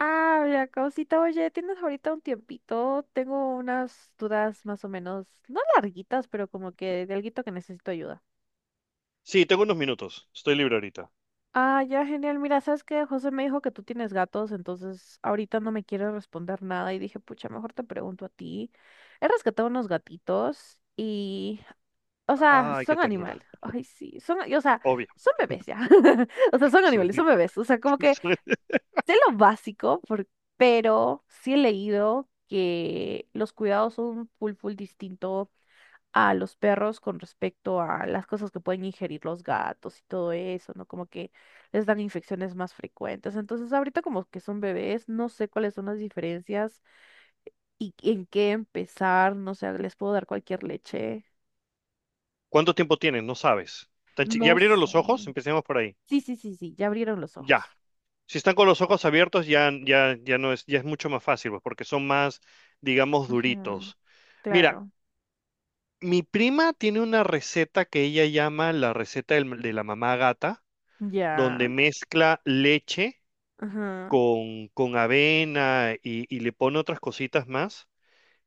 Ah, la causita, oye, ¿tienes ahorita un tiempito? Tengo unas dudas más o menos, no larguitas, pero como que de alguito que necesito ayuda. Sí, tengo unos minutos. Estoy libre ahorita. Ah, ya, genial. Mira, sabes que José me dijo que tú tienes gatos, entonces ahorita no me quiere responder nada y dije, pucha, mejor te pregunto a ti. He rescatado unos gatitos y, o sea, Ay, qué son ternura. animal. Ay, sí, son, y, o sea, Obvio. son bebés ya. O sea, Porque son soy animales, son libre. bebés. O sea, como que sé lo básico, pero sí he leído que los cuidados son full, full distinto a los perros con respecto a las cosas que pueden ingerir los gatos y todo eso, ¿no? Como que les dan infecciones más frecuentes. Entonces, ahorita como que son bebés, no sé cuáles son las diferencias y en qué empezar, no sé, les puedo dar cualquier leche. ¿Cuánto tiempo tienen? No sabes. ¿Ya No abrieron los ojos? sé. Empecemos por ahí. Sí, sí, sí, sí, ya abrieron los Ya. ojos. Si están con los ojos abiertos, ya, ya, ya no es, ya es mucho más fácil, pues, porque son más, digamos, Ujú, duritos. Mira, claro. mi prima tiene una receta que ella llama la receta de la mamá gata, Ya. donde mezcla leche Ajá. Con avena y le pone otras cositas más,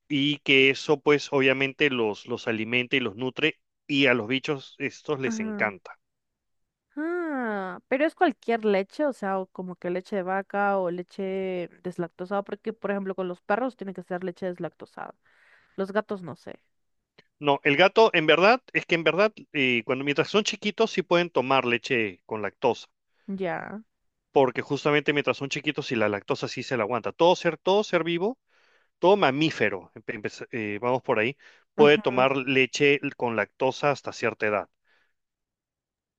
y que eso pues obviamente los alimenta y los nutre, y a los bichos estos les Ajá. encanta. Ah, pero es cualquier leche, o sea, o como que leche de vaca o leche deslactosada, porque por ejemplo con los perros tiene que ser leche deslactosada. Los gatos no sé. No, el gato en verdad, es que en verdad, cuando mientras son chiquitos sí pueden tomar leche con lactosa, Ya. porque justamente mientras son chiquitos y la lactosa sí se la aguanta. Todo ser vivo, todo mamífero, vamos por ahí, puede Ujú. tomar leche con lactosa hasta cierta edad,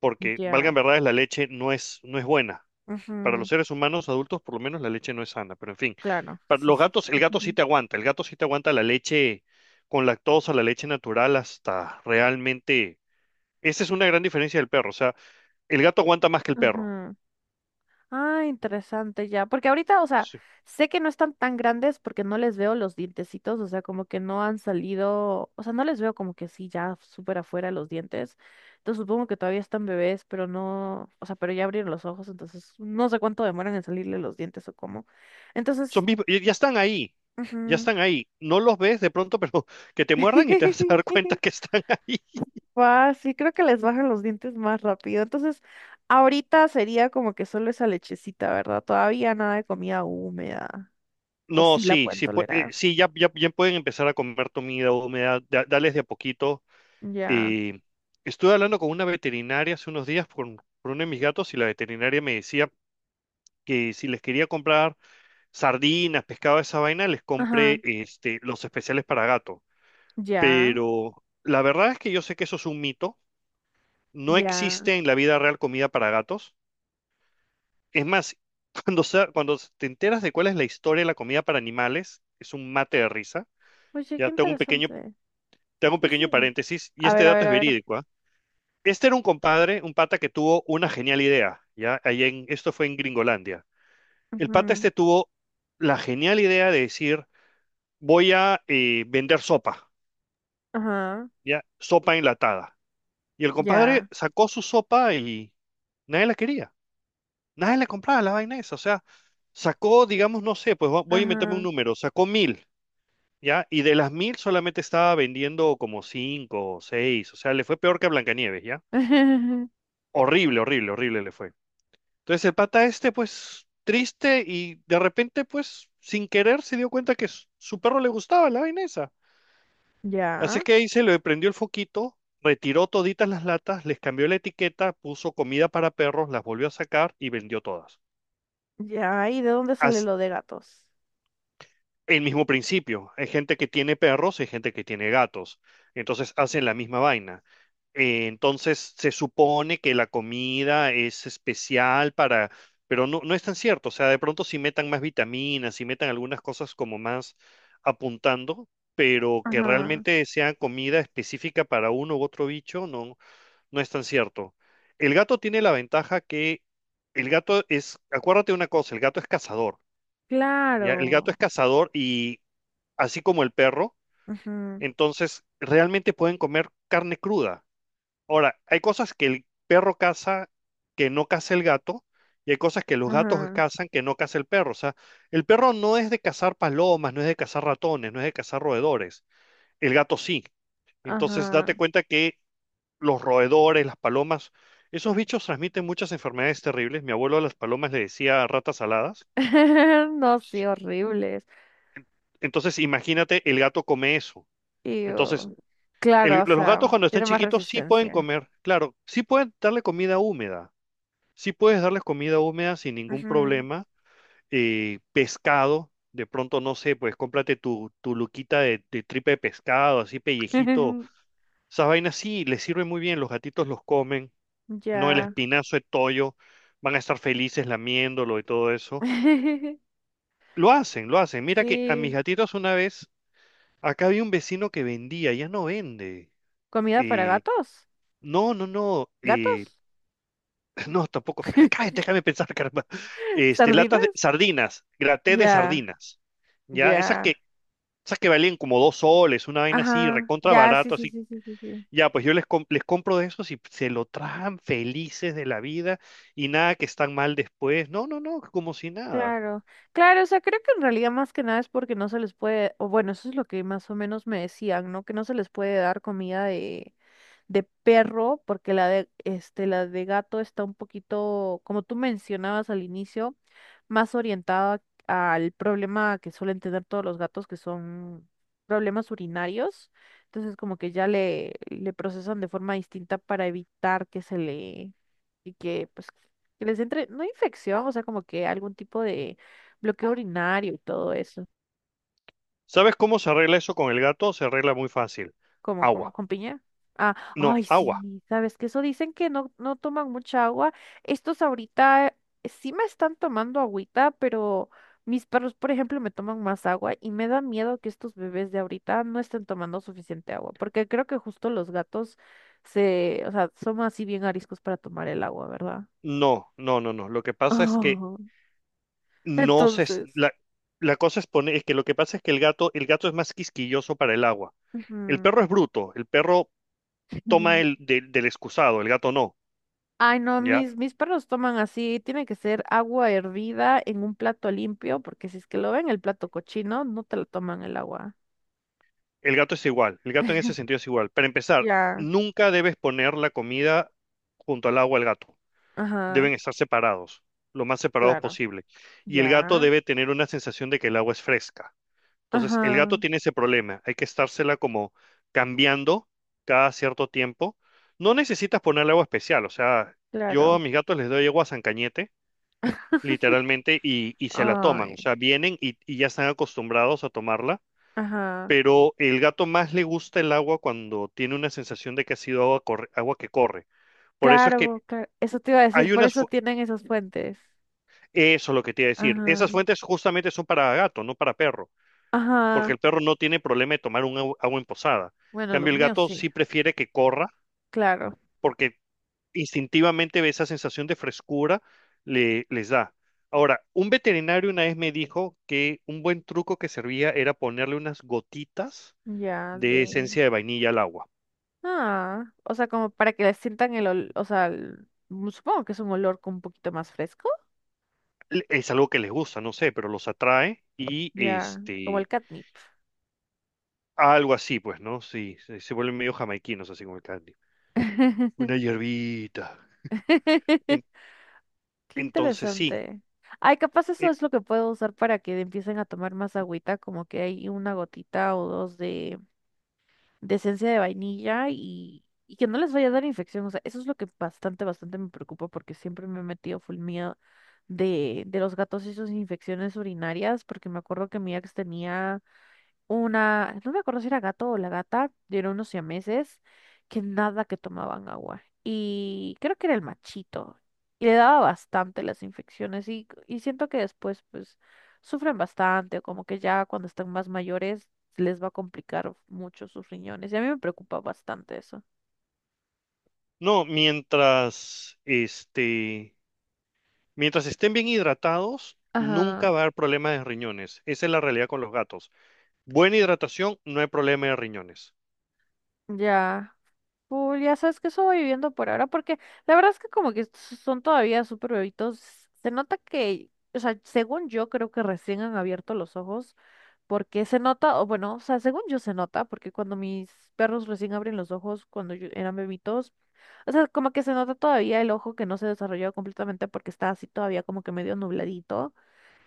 porque, Ya. valgan verdades, la leche no es, no es buena. Para los Ujú. seres humanos adultos, por lo menos, la leche no es sana, pero en fin, Claro, para sí, los sí. gatos, el gato sí Ujú. te aguanta, el gato sí te aguanta la leche con lactosa, la leche natural, hasta realmente... Esa es una gran diferencia del perro, o sea, el gato aguanta más que el perro. Ah, interesante ya, porque ahorita, o sea, Sí. sé que no están tan grandes porque no les veo los dientecitos, o sea, como que no han salido, o sea, no les veo como que sí, ya súper afuera los dientes. Entonces supongo que todavía están bebés, pero no, o sea, pero ya abrieron los ojos, entonces no sé cuánto demoran en salirle los dientes o cómo. Entonces, Son vivos, y ya están ahí, ya ujú. están ahí. No los ves de pronto, pero que te muerdan y te vas a dar cuenta que están ahí. Guau, sí, creo que les bajan los dientes más rápido. Entonces, ahorita sería como que solo esa lechecita, ¿verdad? Todavía nada de comida húmeda. O No, sí la sí, pueden sí, tolerar. sí ya, ya, ya pueden empezar a comer comida húmeda, dales de a poquito. Ya. Eh, estuve hablando con una veterinaria hace unos días por uno de mis gatos, y la veterinaria me decía que si les quería comprar sardinas, pescado, esa vaina, les Ajá. compre este, los especiales para gato. Ya. Pero la verdad es que yo sé que eso es un mito. No Ya. existe en la vida real comida para gatos. Es más, cuando, cuando te enteras de cuál es la historia de la comida para animales, es un mate de risa. Oye, qué Ya tengo un pequeño interesante. Te hago un Sí, pequeño sí. paréntesis, y A este ver, a dato ver, es a ver. verídico, ¿ah? Este era un compadre, un pata que tuvo una genial idea, ¿ya? Ahí en, esto fue en Gringolandia. El pata Ujú. este tuvo la genial idea de decir, voy a vender sopa, Ajá. ¿ya? Sopa enlatada. Y el compadre Ya. sacó su sopa y nadie la quería, nadie le compraba, la vaina esa. O sea, sacó, digamos, no sé, pues voy a inventarme un Ajá. número, sacó mil, ¿ya? Y de las mil solamente estaba vendiendo como cinco o seis, o sea, le fue peor que a Blancanieves, ¿ya? Horrible, horrible, horrible le fue. Entonces el pata este, pues, triste y de repente, pues, sin querer se dio cuenta que su perro le gustaba la vaina esa. Así Ya. que ahí se le prendió el foquito, retiró toditas las latas, les cambió la etiqueta, puso comida para perros, las volvió a sacar y vendió todas. Ya. ¿Y de dónde sale Así- lo de gatos? el mismo principio. Hay gente que tiene perros y hay gente que tiene gatos. Entonces hacen la misma vaina. Entonces se supone que la comida es especial para, pero no, no es tan cierto. O sea, de pronto si metan más vitaminas, si metan algunas cosas como más apuntando, pero que Ajá. realmente sea comida específica para uno u otro bicho, no, no es tan cierto. El gato tiene la ventaja que el gato es, acuérdate de una cosa, el gato es cazador. ¿Ya? El gato Claro. es cazador y así como el perro, Ajá. entonces realmente pueden comer carne cruda. Ahora, hay cosas que el perro caza que no caza el gato, y hay cosas que los gatos Ajá. cazan que no caza el perro. O sea, el perro no es de cazar palomas, no es de cazar ratones, no es de cazar roedores. El gato sí. Entonces, date Ajá. cuenta que los roedores, las palomas, esos bichos transmiten muchas enfermedades terribles. Mi abuelo a las palomas le decía ratas aladas. No, sí, horribles. Entonces, imagínate, el gato come eso. Y Entonces, oh, claro, o los sea, gatos cuando están tiene más chiquitos sí pueden resistencia. comer, claro, sí pueden darle comida húmeda, sí puedes darles comida húmeda sin ningún Ujú. problema, pescado, de pronto no sé, pues cómprate tu, tu luquita de tripa de pescado, así pellejito, esas vainas sí les sirve muy bien, los gatitos los comen, no el Ya. espinazo de toyo, van a estar felices lamiéndolo y todo eso, lo hacen, mira que a mis Sí. gatitos una vez, acá había un vecino que vendía, ya no vende, ¿Comida para eh, gatos? no, no, no. ¿Gatos? No, tampoco. Espera, cállate, déjame pensar, caramba. Este, latas ¿Sardinas? de sardinas, graté de Ya, sardinas. Ya, ya. Esas que valían como dos soles, una vaina así, Ajá, recontra ya, sí, barato, sí, así. sí, sí, sí, sí. Ya, pues yo les, les compro de esos y se lo traen felices de la vida y nada que están mal después. No, no, no, como si nada. Claro, claro, o sea, creo que en realidad más que nada es porque no se les puede, o bueno, eso es lo que más o menos me decían, ¿no? Que no se les puede dar comida de, perro, porque la de, este, la de gato está un poquito, como tú mencionabas al inicio, más orientada al problema que suelen tener todos los gatos, que son problemas urinarios. Entonces, como que ya le procesan de forma distinta para evitar que se le, y que pues que les entre, no infección, o sea, como que algún tipo de bloqueo urinario y todo eso. ¿Sabes cómo se arregla eso con el gato? Se arregla muy fácil. Como Agua. con piña. Ah, No, ay, agua. sí, sabes que eso dicen que no, no toman mucha agua. Estos ahorita sí me están tomando agüita, pero mis perros, por ejemplo, me toman más agua y me da miedo que estos bebés de ahorita no estén tomando suficiente agua, porque creo que justo los gatos se, o sea, son así bien ariscos para tomar el agua, ¿verdad? No, no, no, no. Lo que pasa es que Oh, no se... entonces. La, la cosa es, poner, es que lo que pasa es que el gato es más quisquilloso para el agua. El Ujú. perro es bruto, el perro toma el del excusado, el gato no, Ay, no, ¿ya? mis perros toman así, tiene que ser agua hervida en un plato limpio, porque si es que lo ven el plato cochino, no te lo toman el agua. El gato es igual, el gato en ese sentido es igual. Para empezar, Ya. nunca debes poner la comida junto al agua al gato. Ajá, Deben estar separados, lo más separados claro. posible. Y el gato Ya. debe tener una sensación de que el agua es fresca. Entonces, el Ajá, gato tiene ese problema. Hay que estársela como cambiando cada cierto tiempo. No necesitas ponerle agua especial. O sea, yo a claro. mis gatos les doy agua San Cañete, literalmente, y se la toman. Ay, O sea, vienen y ya están acostumbrados a tomarla. ajá. Pero el gato más le gusta el agua cuando tiene una sensación de que ha sido agua, agua que corre. Por eso es que Claro, claro. Eso te iba a decir, hay por eso tienen esos puentes. Eso es lo que te iba a decir. Ajá, Esas fuentes justamente son para gato, no para perro. Porque ajá. el perro no tiene problema de tomar un agua en posada. En Bueno, los cambio, el míos gato sí, sí prefiere que corra claro. porque instintivamente ve esa sensación de frescura le, les da. Ahora, un veterinario una vez me dijo que un buen truco que servía era ponerle unas gotitas Ya, de de. esencia de vainilla al agua. Ah, o sea, como para que le sientan el olor, o sea, supongo que es un olor con un poquito más fresco. Es algo que les gusta, no sé, pero los atrae y Ya, como el este, catnip. algo así, pues, ¿no? Sí, se vuelven medio jamaiquinos, así como el candy. Una hierbita. En- Qué entonces, sí. interesante. Ay, capaz eso e- es lo que puedo usar para que empiecen a tomar más agüita, como que hay una gotita o dos de, esencia de vainilla y que no les vaya a dar infección. O sea, eso es lo que bastante, bastante me preocupa porque siempre me he metido full miedo de los gatos y sus infecciones urinarias, porque me acuerdo que mi ex tenía una, no me acuerdo si era gato o la gata, eran unos siameses que nada que tomaban agua. Y creo que era el machito. Y le daba bastante las infecciones y siento que después pues sufren bastante o como que ya cuando están más mayores les va a complicar mucho sus riñones. Y a mí me preocupa bastante eso. No, mientras, este, mientras estén bien hidratados, Ajá, nunca va a haber problema de riñones. Esa es la realidad con los gatos. Buena hidratación, no hay problema de riñones. ya. Cool, ya sabes que eso voy viviendo por ahora, porque la verdad es que como que son todavía súper bebitos. Se nota que, o sea, según yo creo que recién han abierto los ojos, porque se nota, o bueno, o sea, según yo se nota, porque cuando mis perros recién abren los ojos, eran bebitos, o sea, como que se nota todavía el ojo que no se desarrolló completamente porque está así todavía como que medio nubladito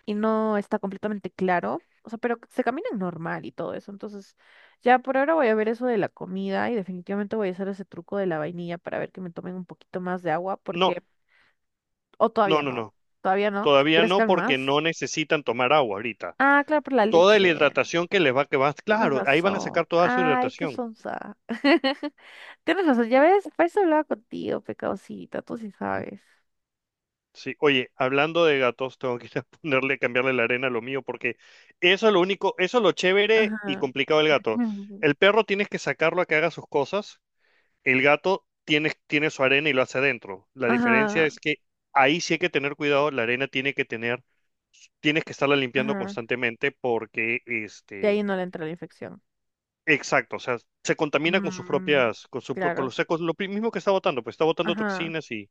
y no está completamente claro. O sea, pero se caminan normal y todo eso. Entonces, ya por ahora voy a ver eso de la comida y definitivamente voy a hacer ese truco de la vainilla para ver que me tomen un poquito más de agua No, porque, o no, no, no. todavía no, que Todavía no, crezcan porque más. no necesitan tomar agua ahorita. Ah, claro, por la Toda la leche. hidratación que les va, que va, Tienes claro, ahí van a razón. sacar toda su Ay, qué hidratación. sonsa. Tienes razón, ya ves, para eso hablaba contigo, pecadosita, tú sí sabes. Sí, oye, hablando de gatos, tengo que ir a ponerle, cambiarle la arena a lo mío, porque eso es lo único, eso es lo chévere y Ajá. complicado del gato. El perro tienes que sacarlo a que haga sus cosas. El gato tiene, tiene su arena y lo hace adentro. La diferencia Ajá, es que ahí sí hay que tener cuidado, la arena tiene que tener, tienes que estarla limpiando ajá. constantemente porque, De ahí este, no le entra la infección. exacto, o sea, se contamina con sus Mm, propias, con su, con claro. los secos, mismo que está botando, pues está botando Ajá, toxinas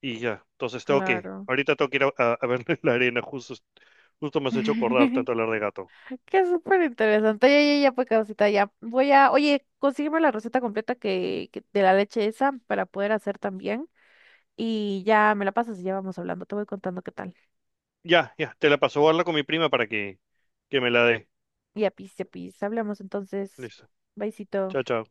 y ya. Entonces tengo que, claro. ahorita tengo que ir a, a verle la arena, justo, justo me has hecho acordar tanto hablar de gato. Qué súper interesante. Ya, ya, ya, pues, Causita, ya. Voy a, oye, consígueme la receta completa de la leche esa para poder hacer también. Y ya me la pasas y ya vamos hablando. Te voy contando qué tal. Ya, ya, te la paso, voy a hablar con mi prima para que me la dé. Y a pis, hablamos entonces. Listo. Besito. Chao, chao.